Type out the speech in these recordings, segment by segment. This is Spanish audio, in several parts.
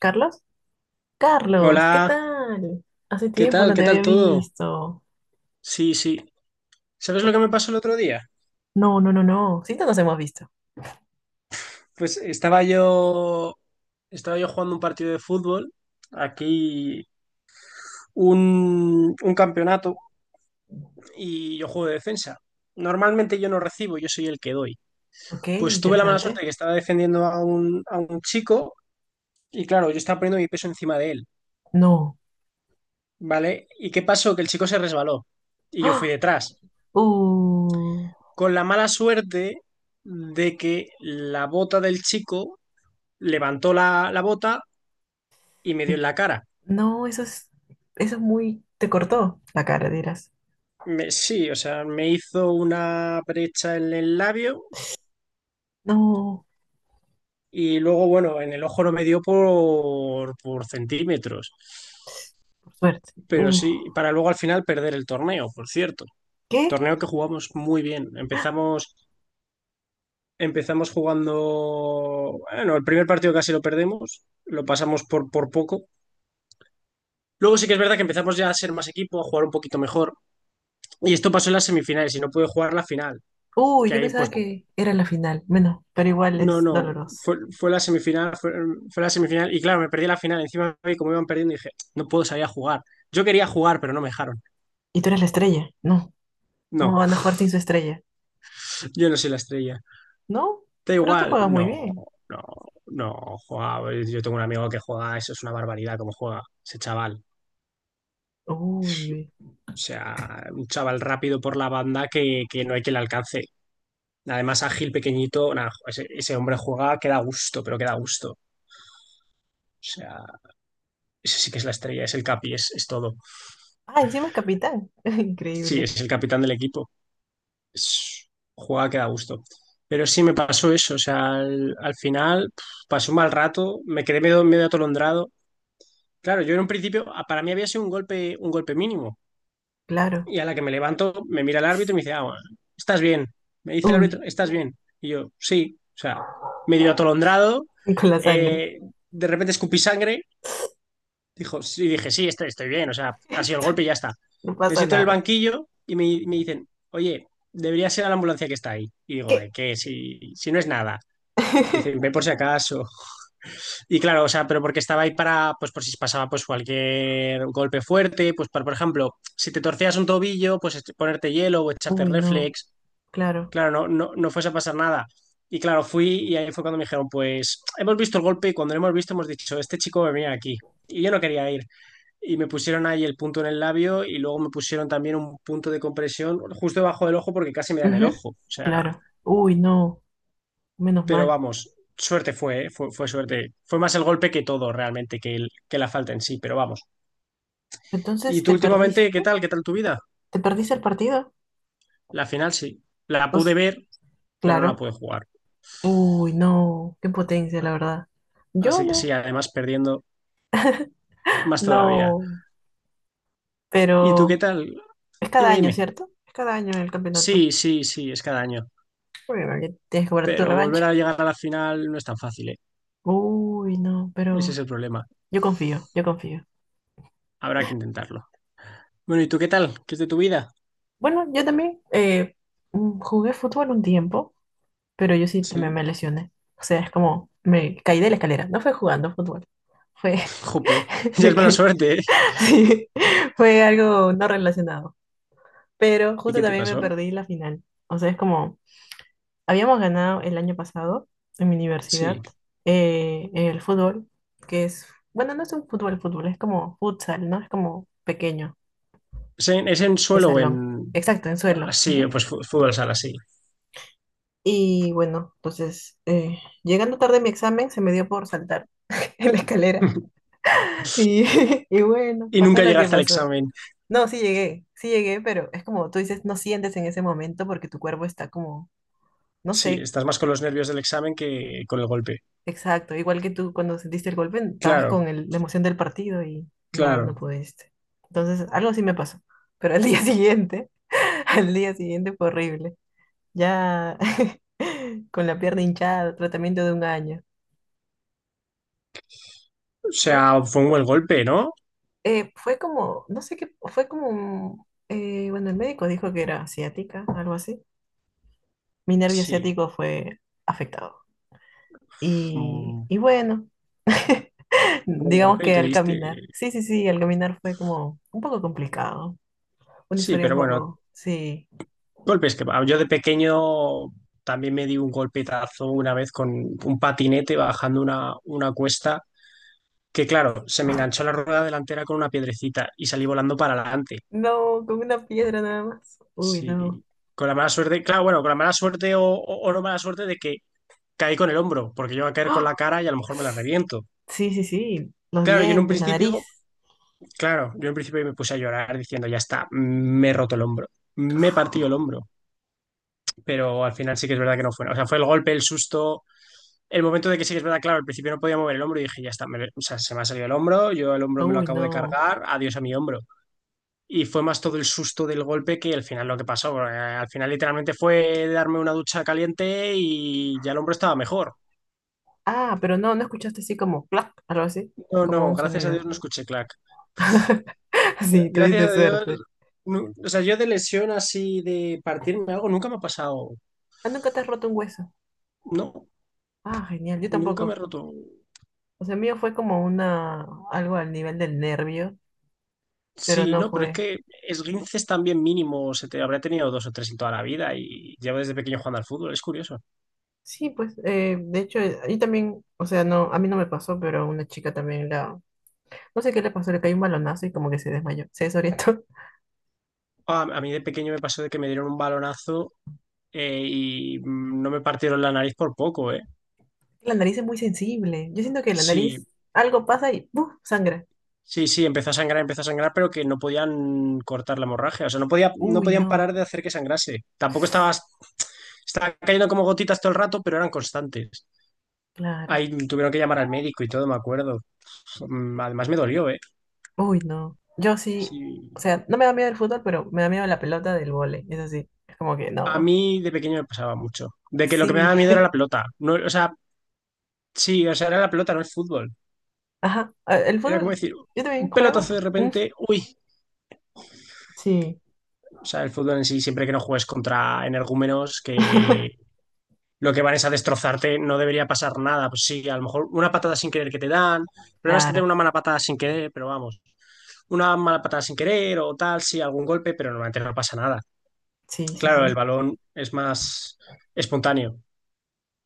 ¿Carlos? Carlos, ¿qué Hola, tal? Hace ¿qué tiempo tal? no ¿Qué te tal había todo? visto. Sí, sí. ¿Sabes lo Por- que me pasó el otro día? no. Sí, no nos hemos visto. Pues estaba yo jugando un partido de fútbol, aquí un campeonato, y yo juego de defensa. Normalmente yo no recibo, yo soy el que doy. Ok, Pues tuve la mala suerte interesante. que estaba defendiendo a un chico, y claro, yo estaba poniendo mi peso encima de él, No. ¿vale? ¿Y qué pasó? Que el chico se resbaló, y yo fui ¡Ah! detrás. Uh, Con la mala suerte de que la bota del chico levantó la bota y me dio en la cara. no, eso es muy... Te cortó la cara, dirás. Sí, o sea, me hizo una brecha en el labio No. y luego, bueno, en el ojo no me dio por, centímetros. Por suerte. Pero sí, para luego al final perder el torneo, por cierto. ¿Qué? Torneo que jugamos muy bien. Empezamos jugando, bueno, el primer partido casi lo perdemos, lo pasamos por poco. Luego sí que es verdad que empezamos ya a ser más equipo, a jugar un poquito mejor. Y esto pasó en las semifinales y no pude jugar la final, Uy, que yo ahí pensaba pues. que era la final. Bueno, pero igual No, es no, doloroso. fue la semifinal, fue la semifinal y claro, me perdí la final. Encima vi como iban perdiendo y dije, no puedo salir a jugar. Yo quería jugar, pero no me dejaron. ¿Y tú eres la estrella? No. ¿Cómo No, van a jugar sin su estrella? yo no soy la estrella. No, Da pero tú igual, juegas muy no, bien. no, no, jugaba. Yo tengo un amigo que juega, eso es una barbaridad como juega ese chaval. Uy, uy. O sea, un chaval rápido por la banda que no hay quien le alcance. Además, ágil, pequeñito, nada, ese hombre juega que da gusto, pero que da gusto. O sea, ese sí que es la estrella, es el capi, es todo. Ah, encima es capitán. Sí, Increíble. es el capitán del equipo. es- jugaba que da gusto. Pero sí me pasó eso, o sea, al final pasó un mal rato, me quedé medio atolondrado. Claro, yo en un principio, para mí había sido un golpe mínimo. Claro. Y a la que me levanto, me mira el árbitro y me dice, ah, bueno, estás bien. Me dice el Uy, árbitro, estás bien. Y yo, sí, o sea, medio atolondrado, con la sangre. eh, de repente escupí sangre. Dijo, sí, dije, sí, estoy bien, o sea, ha sido el golpe y ya está. No Me pasa siento en el nada. banquillo y me dicen, oye, debería ser a la ambulancia que está ahí. Y digo, ¿de ¿Qué? qué? Si no es nada. Y dicen, ve por si acaso. Y claro, o sea, pero porque estaba ahí para, pues por si pasaba pues cualquier golpe fuerte, pues para, por ejemplo, si te torcías un tobillo, pues ponerte hielo o echarte Uy, no. reflex. Claro. Claro, no, no, no fuese a pasar nada. Y claro, fui y ahí fue cuando me dijeron, pues hemos visto el golpe y cuando lo hemos visto hemos dicho, este chico va a venir aquí. Y yo no quería ir y me pusieron ahí el punto en el labio y luego me pusieron también un punto de compresión justo debajo del ojo porque casi me da en el Ujú, ojo. O sea, claro. Uy, no. Menos pero mal. vamos, suerte fue, ¿eh? Fue suerte. Fue más el golpe que todo realmente, que la falta en sí, pero vamos. Entonces, ¿Y tú ¿te últimamente qué perdiste? tal? ¿Qué tal tu vida? ¿Te perdiste el partido? La final sí, la pude Pues, ver, pero no la claro. pude jugar. Uy, no, qué potencia, la verdad. Yo Así que sí, no, además perdiendo más todavía. no, ¿Y tú qué pero tal? es cada Dime, año, dime. ¿cierto? Es cada año el campeonato. Sí, sí, sí, es cada año. Bueno, ya tienes que guardar tu Pero revancha. volver a llegar a la final no es tan fácil, ¿eh? Uy, no, Ese es pero el problema. Yo confío. Habrá que intentarlo. Bueno, ¿y tú qué tal? ¿Qué es de tu vida? Bueno, yo también jugué fútbol un tiempo, pero yo sí también Sí. me lesioné. O sea, es como me caí de la escalera. No fue jugando fútbol, fue, Jope, ya me es mala caí. suerte, ¿eh? Sí, fue algo no relacionado. Pero ¿Y justo qué te también me pasó? perdí la final. O sea, es como habíamos ganado el año pasado en mi Sí. universidad, el fútbol, que es, bueno, no es un fútbol, fútbol, es como futsal, ¿no? Es como pequeño, ¿Es en de suelo o salón. en...? Exacto, en suelo. Así, Ujú. pues fútbol sala, sí. Y bueno, entonces, llegando tarde a mi examen, se me dio por saltar en la escalera. Y, y bueno, Y pasó nunca lo que llegaste al pasó. examen. No, sí llegué, pero es como tú dices, no sientes en ese momento porque tu cuerpo está como, no Sí, sé, estás más con los nervios del examen que con el golpe. exacto, igual que tú cuando sentiste el golpe, estabas con Claro, la emoción del partido y no claro. pudiste. Entonces, algo así me pasó. Pero al día siguiente, al día siguiente fue horrible. Ya con la pierna hinchada, tratamiento de un año. O Fue, sea, fue un buen golpe, ¿no? Fue como, no sé qué, fue como, bueno, el médico dijo que era ciática, algo así. Mi nervio Sí. ciático fue afectado. fue Un Y bueno. buen Digamos golpe que te al diste. caminar. Sí, al caminar fue como un poco complicado. Una Sí, historia un pero bueno, poco, sí. golpes que... Yo de pequeño también me di un golpetazo una vez con un patinete bajando una cuesta. Que claro, se me enganchó la rueda delantera con una piedrecita y salí volando para adelante. No, con una piedra nada más. Uy, no. Sí. Con la mala suerte, claro, bueno, con la mala suerte o no mala suerte de que caí con el hombro, porque yo iba a caer con la ¡Ah! cara y a lo mejor me la reviento. Sí, sí, sí. Los Claro, yo en un dientes, la principio, nariz. claro, yo en un principio me puse a llorar diciendo, ya está, me he roto el hombro, me he partido el hombro, pero al final sí que es verdad que no fue, o sea, fue el golpe, el susto, el momento de que sí que es verdad, claro, al principio no podía mover el hombro y dije, ya está, o sea, se me ha salido el hombro, yo el hombro me lo Uy, acabo de no. cargar, adiós a mi hombro. Y fue más todo el susto del golpe que al final lo que pasó, porque al final literalmente fue darme una ducha caliente y ya el hombro estaba mejor. Ah, pero no, no escuchaste así como clac, algo así, No, como no, un gracias a Dios sonido. no escuché clac. Sí, Gracias tuviste a Dios. suerte. O sea, yo de lesión así de partirme algo nunca me ha pasado. Ah, nunca te has roto un hueso. No, Ah, genial, yo nunca me he tampoco. roto. O sea, mío fue como una, algo al nivel del nervio, pero Sí, no no, pero es fue. que esguinces también mínimo. Habré tenido dos o tres en toda la vida y llevo desde pequeño jugando al fútbol. Es curioso. Sí, pues, de hecho, ahí también, o sea, no, a mí no me pasó, pero una chica también no sé qué le pasó, le cayó un balonazo y como que se desmayó, se desorientó. A mí de pequeño me pasó de que me dieron un balonazo y no me partieron la nariz por poco. La nariz es muy sensible. Yo siento que la Sí, nariz, algo pasa y ¡puf! Sangra. sí, sí, empezó a sangrar, pero que no podían cortar la hemorragia. O sea, no podía, no Uy, podían no, parar de hacer que sangrase. Tampoco estaba cayendo como gotitas todo el rato, pero eran constantes. claro. Ahí tuvieron que llamar al médico y todo, me acuerdo. Además me dolió, ¿eh? Uy, no. Yo sí, Sí. o sea, no me da miedo el fútbol, pero me da miedo la pelota del vóley. Eso sí, es como que A no. mí de pequeño me pasaba mucho. De que lo que me Sí, daba miedo era la pelota. No, o sea, sí, o sea, era la pelota, no el fútbol. ajá. El Era como fútbol, decir, yo también un juego. pelotazo de Mm, repente, uy. sí, O sea, el fútbol en sí, siempre que no juegues contra energúmenos que lo que van es a destrozarte, no debería pasar nada. Pues sí, a lo mejor una patada sin querer que te dan. El problema es que claro. tengo una mala patada sin querer, pero vamos, una mala patada sin querer o tal, sí, algún golpe, pero normalmente no pasa nada. Sí, sí, Claro, el sí. balón es más espontáneo.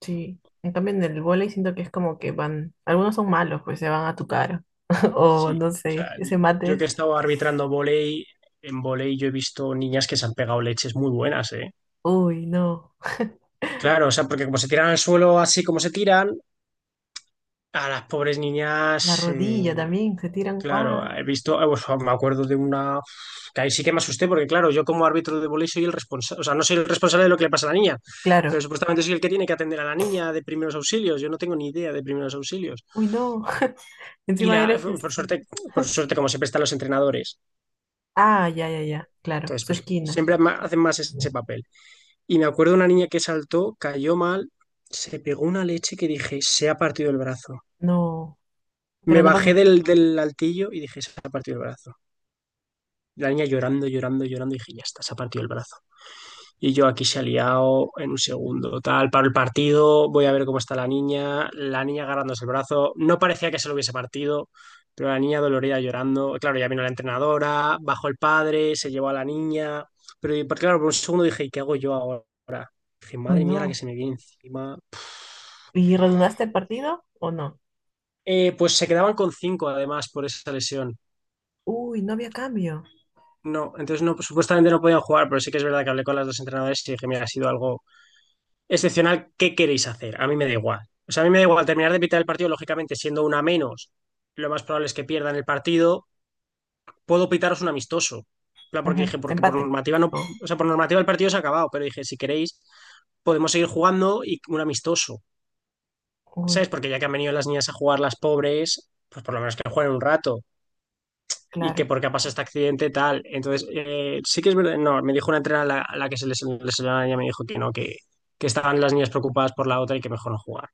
Sí, en cambio en el vóley siento que es como que van, algunos son malos, pues se van a tu cara. O Sí, no o sé, sea, ese mate yo que es, he estado arbitrando volei, en volei yo he visto niñas que se han pegado leches muy buenas, ¿eh? uy, no. Claro, o sea, porque como se tiran al suelo así como se tiran, a las pobres niñas La rodilla eh, también, se tiran, Claro, ¡guau! he visto, pues, me acuerdo de una que ahí sí que me asusté porque claro, yo como árbitro de volei soy el responsable, o sea, no soy el responsable de lo que le pasa a la niña, pero Claro, supuestamente soy el que tiene que atender a la niña de primeros auxilios, yo no tengo ni idea de primeros auxilios. uy, no. Y Encima eres este. Por suerte como siempre están los entrenadores, Ah, ya, ya, ya, claro, entonces su pues esquina. siempre hacen más ese papel. Y me acuerdo de una niña que saltó, cayó mal, se pegó una leche que dije, se ha partido el brazo. No, Me pero no bajé pasó. del altillo y dije, se ha partido el brazo. La niña llorando, llorando, llorando, y dije, ya está, se ha partido el brazo. Y yo aquí se ha liado en un segundo. Tal, paro el partido, voy a ver cómo está la niña. La niña agarrándose el brazo. No parecía que se lo hubiese partido, pero la niña dolorida llorando. Claro, ya vino la entrenadora, bajó el padre, se llevó a la niña. Pero claro, por un segundo dije, ¿y qué hago yo ahora? Dije, Uy, madre mía, la que no. se me viene encima. ¿Y redundaste el partido o no? Pues se quedaban con cinco además por esa lesión. Uy, no había cambio. No, entonces no, supuestamente no podían jugar, pero sí que es verdad que hablé con las dos entrenadoras y dije, mira, ha sido algo excepcional, ¿qué queréis hacer? A mí me da igual. O sea, a mí me da igual terminar de pitar el partido, lógicamente, siendo una menos, lo más probable es que pierdan el partido. Puedo pitaros un amistoso. Claro, porque Ujú, dije, porque por empate. normativa no, Oh, o sea, por normativa el partido se ha acabado, pero dije, si queréis, podemos seguir jugando y un amistoso. uy, ¿Sabes? Porque ya que han venido las niñas a jugar las pobres, pues por lo menos que jueguen un rato. Y que claro. porque ha pasado este accidente, tal. Entonces, sí que es verdad. No, me dijo una entrenadora a la que se les lesionó la niña. Me dijo que no, que estaban las niñas preocupadas por la otra y que mejor no jugar.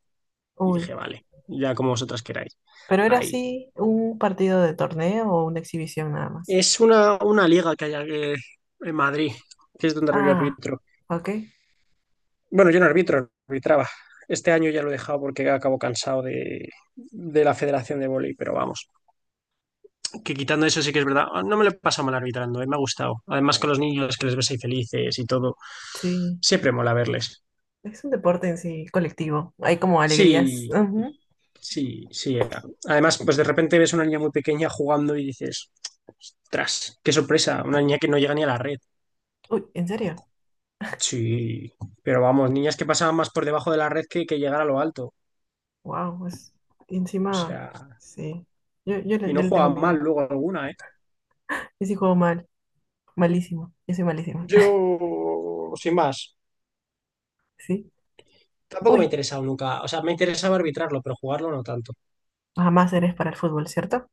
Y Uy. dije, vale, ya como vosotras queráis. Pero era Ahí. así un partido de torneo o una exhibición nada más. Es una liga que hay aquí en Madrid, que es donde yo Ah, arbitro. ok. Bueno, yo no arbitro, arbitraba. Este año ya lo he dejado porque acabo cansado de la Federación de Vóley, pero vamos, que quitando eso sí que es verdad. No me lo he pasado mal arbitrando, me ha gustado. Además con los niños que les ves ahí felices y todo, Sí. siempre mola verles. Es un deporte en sí colectivo. Hay como alegrías. Sí, Ujú. sí, sí. Además, pues de repente ves una niña muy pequeña jugando y dices, tras, qué sorpresa, una niña que no llega ni a la red. Uy, ¿en serio? Sí, pero vamos, niñas que pasaban más por debajo de la red que llegar a lo alto. Wow, es O encima. sea, Sí. Y Yo no le tengo jugaban mal miedo. luego alguna, ¿eh? Yo sí juego mal. Malísimo. Yo soy malísima. Yo, sin más, Sí. tampoco me ha Uy, interesado nunca. O sea, me interesaba arbitrarlo, pero jugarlo no tanto. jamás eres para el fútbol, ¿cierto?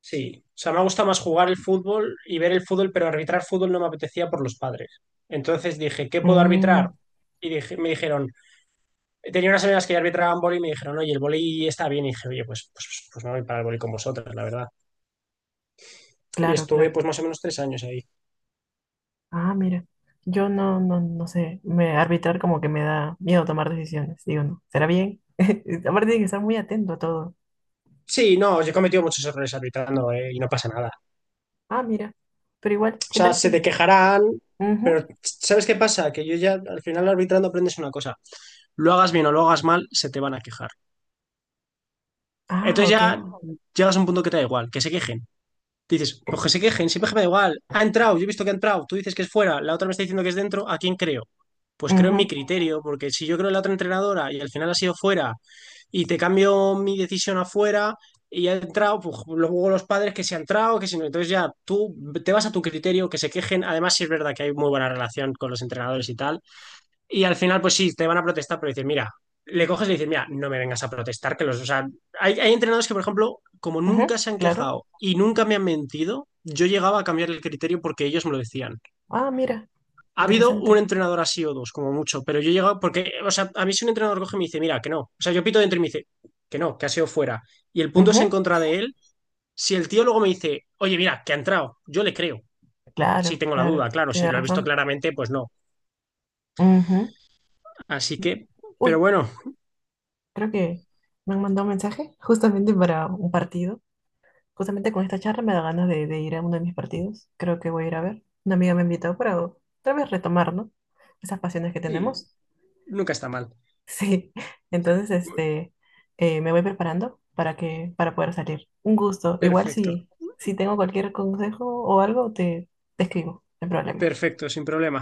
Sí, o sea, me gusta más jugar el fútbol y ver el fútbol, pero arbitrar fútbol no me apetecía por los padres. Entonces dije, ¿qué puedo Mm, arbitrar? Y dije, me dijeron, tenía unas amigas que ya arbitraban vóley y me dijeron, oye, el vóley está bien. Y dije, oye, pues me voy para el vóley con vosotras, la verdad. Y claro, estuve claro. pues más o menos 3 años ahí. Ah, mira, yo no, no, no sé, me, arbitrar como que me da miedo tomar decisiones, digo, no, ¿será bien? Aparte tiene que estar muy atento a todo. Sí, no, yo he cometido muchos errores arbitrando, y no pasa nada. Ah, mira, pero igual, O ¿qué sea, tal se te sí? quejarán, Ujú. pero ¿sabes qué pasa? Que yo ya al final arbitrando aprendes una cosa. Lo hagas bien o lo hagas mal, se te van a quejar. Ah, Entonces ok. ya llegas a un punto que te da igual, que se quejen. Dices, pues que se quejen, siempre que me da igual. Ha entrado, yo he visto que ha entrado, tú dices que es fuera, la otra me está diciendo que es dentro, ¿a quién creo? Pues creo en mi Ujú, criterio, porque si yo creo en la otra entrenadora y al final ha sido fuera y te cambio mi decisión afuera y ha entrado, pues luego los padres que se han entrado, que si no, entonces ya tú te vas a tu criterio, que se quejen. Además sí es verdad que hay muy buena relación con los entrenadores y tal, y al final pues sí, te van a protestar, pero dices, mira, le coges y le dices, mira, no me vengas a protestar, que o sea, hay entrenadores que por ejemplo, como ujú, nunca se han claro. quejado y nunca me han mentido, yo llegaba a cambiar el criterio porque ellos me lo decían. Ah, mira, Ha habido un interesante. entrenador así o dos, como mucho, pero yo he llegado, porque, o sea, a mí si un entrenador coge y me dice, mira, que no, o sea, yo pito dentro y me dice, que no, que ha sido fuera, y el punto es en Ujú, contra de él, si el tío luego me dice, oye, mira, que ha entrado, yo le creo, si claro, tengo la duda, claro, claro, si tiene lo he visto razón. claramente, pues no. Ujú. Así que, pero Uy, bueno, creo que me han mandado un mensaje justamente para un partido. Justamente con esta charla me da ganas de ir a uno de mis partidos. Creo que voy a ir a ver. Una amiga me ha invitado para tal vez retomar, ¿no? Esas pasiones que sí, tenemos. nunca está mal. Sí. Entonces, este, me voy preparando para que, para poder salir. Un gusto. Igual Perfecto, si, si tengo cualquier consejo o algo, te escribo. No hay problema. perfecto, sin problema.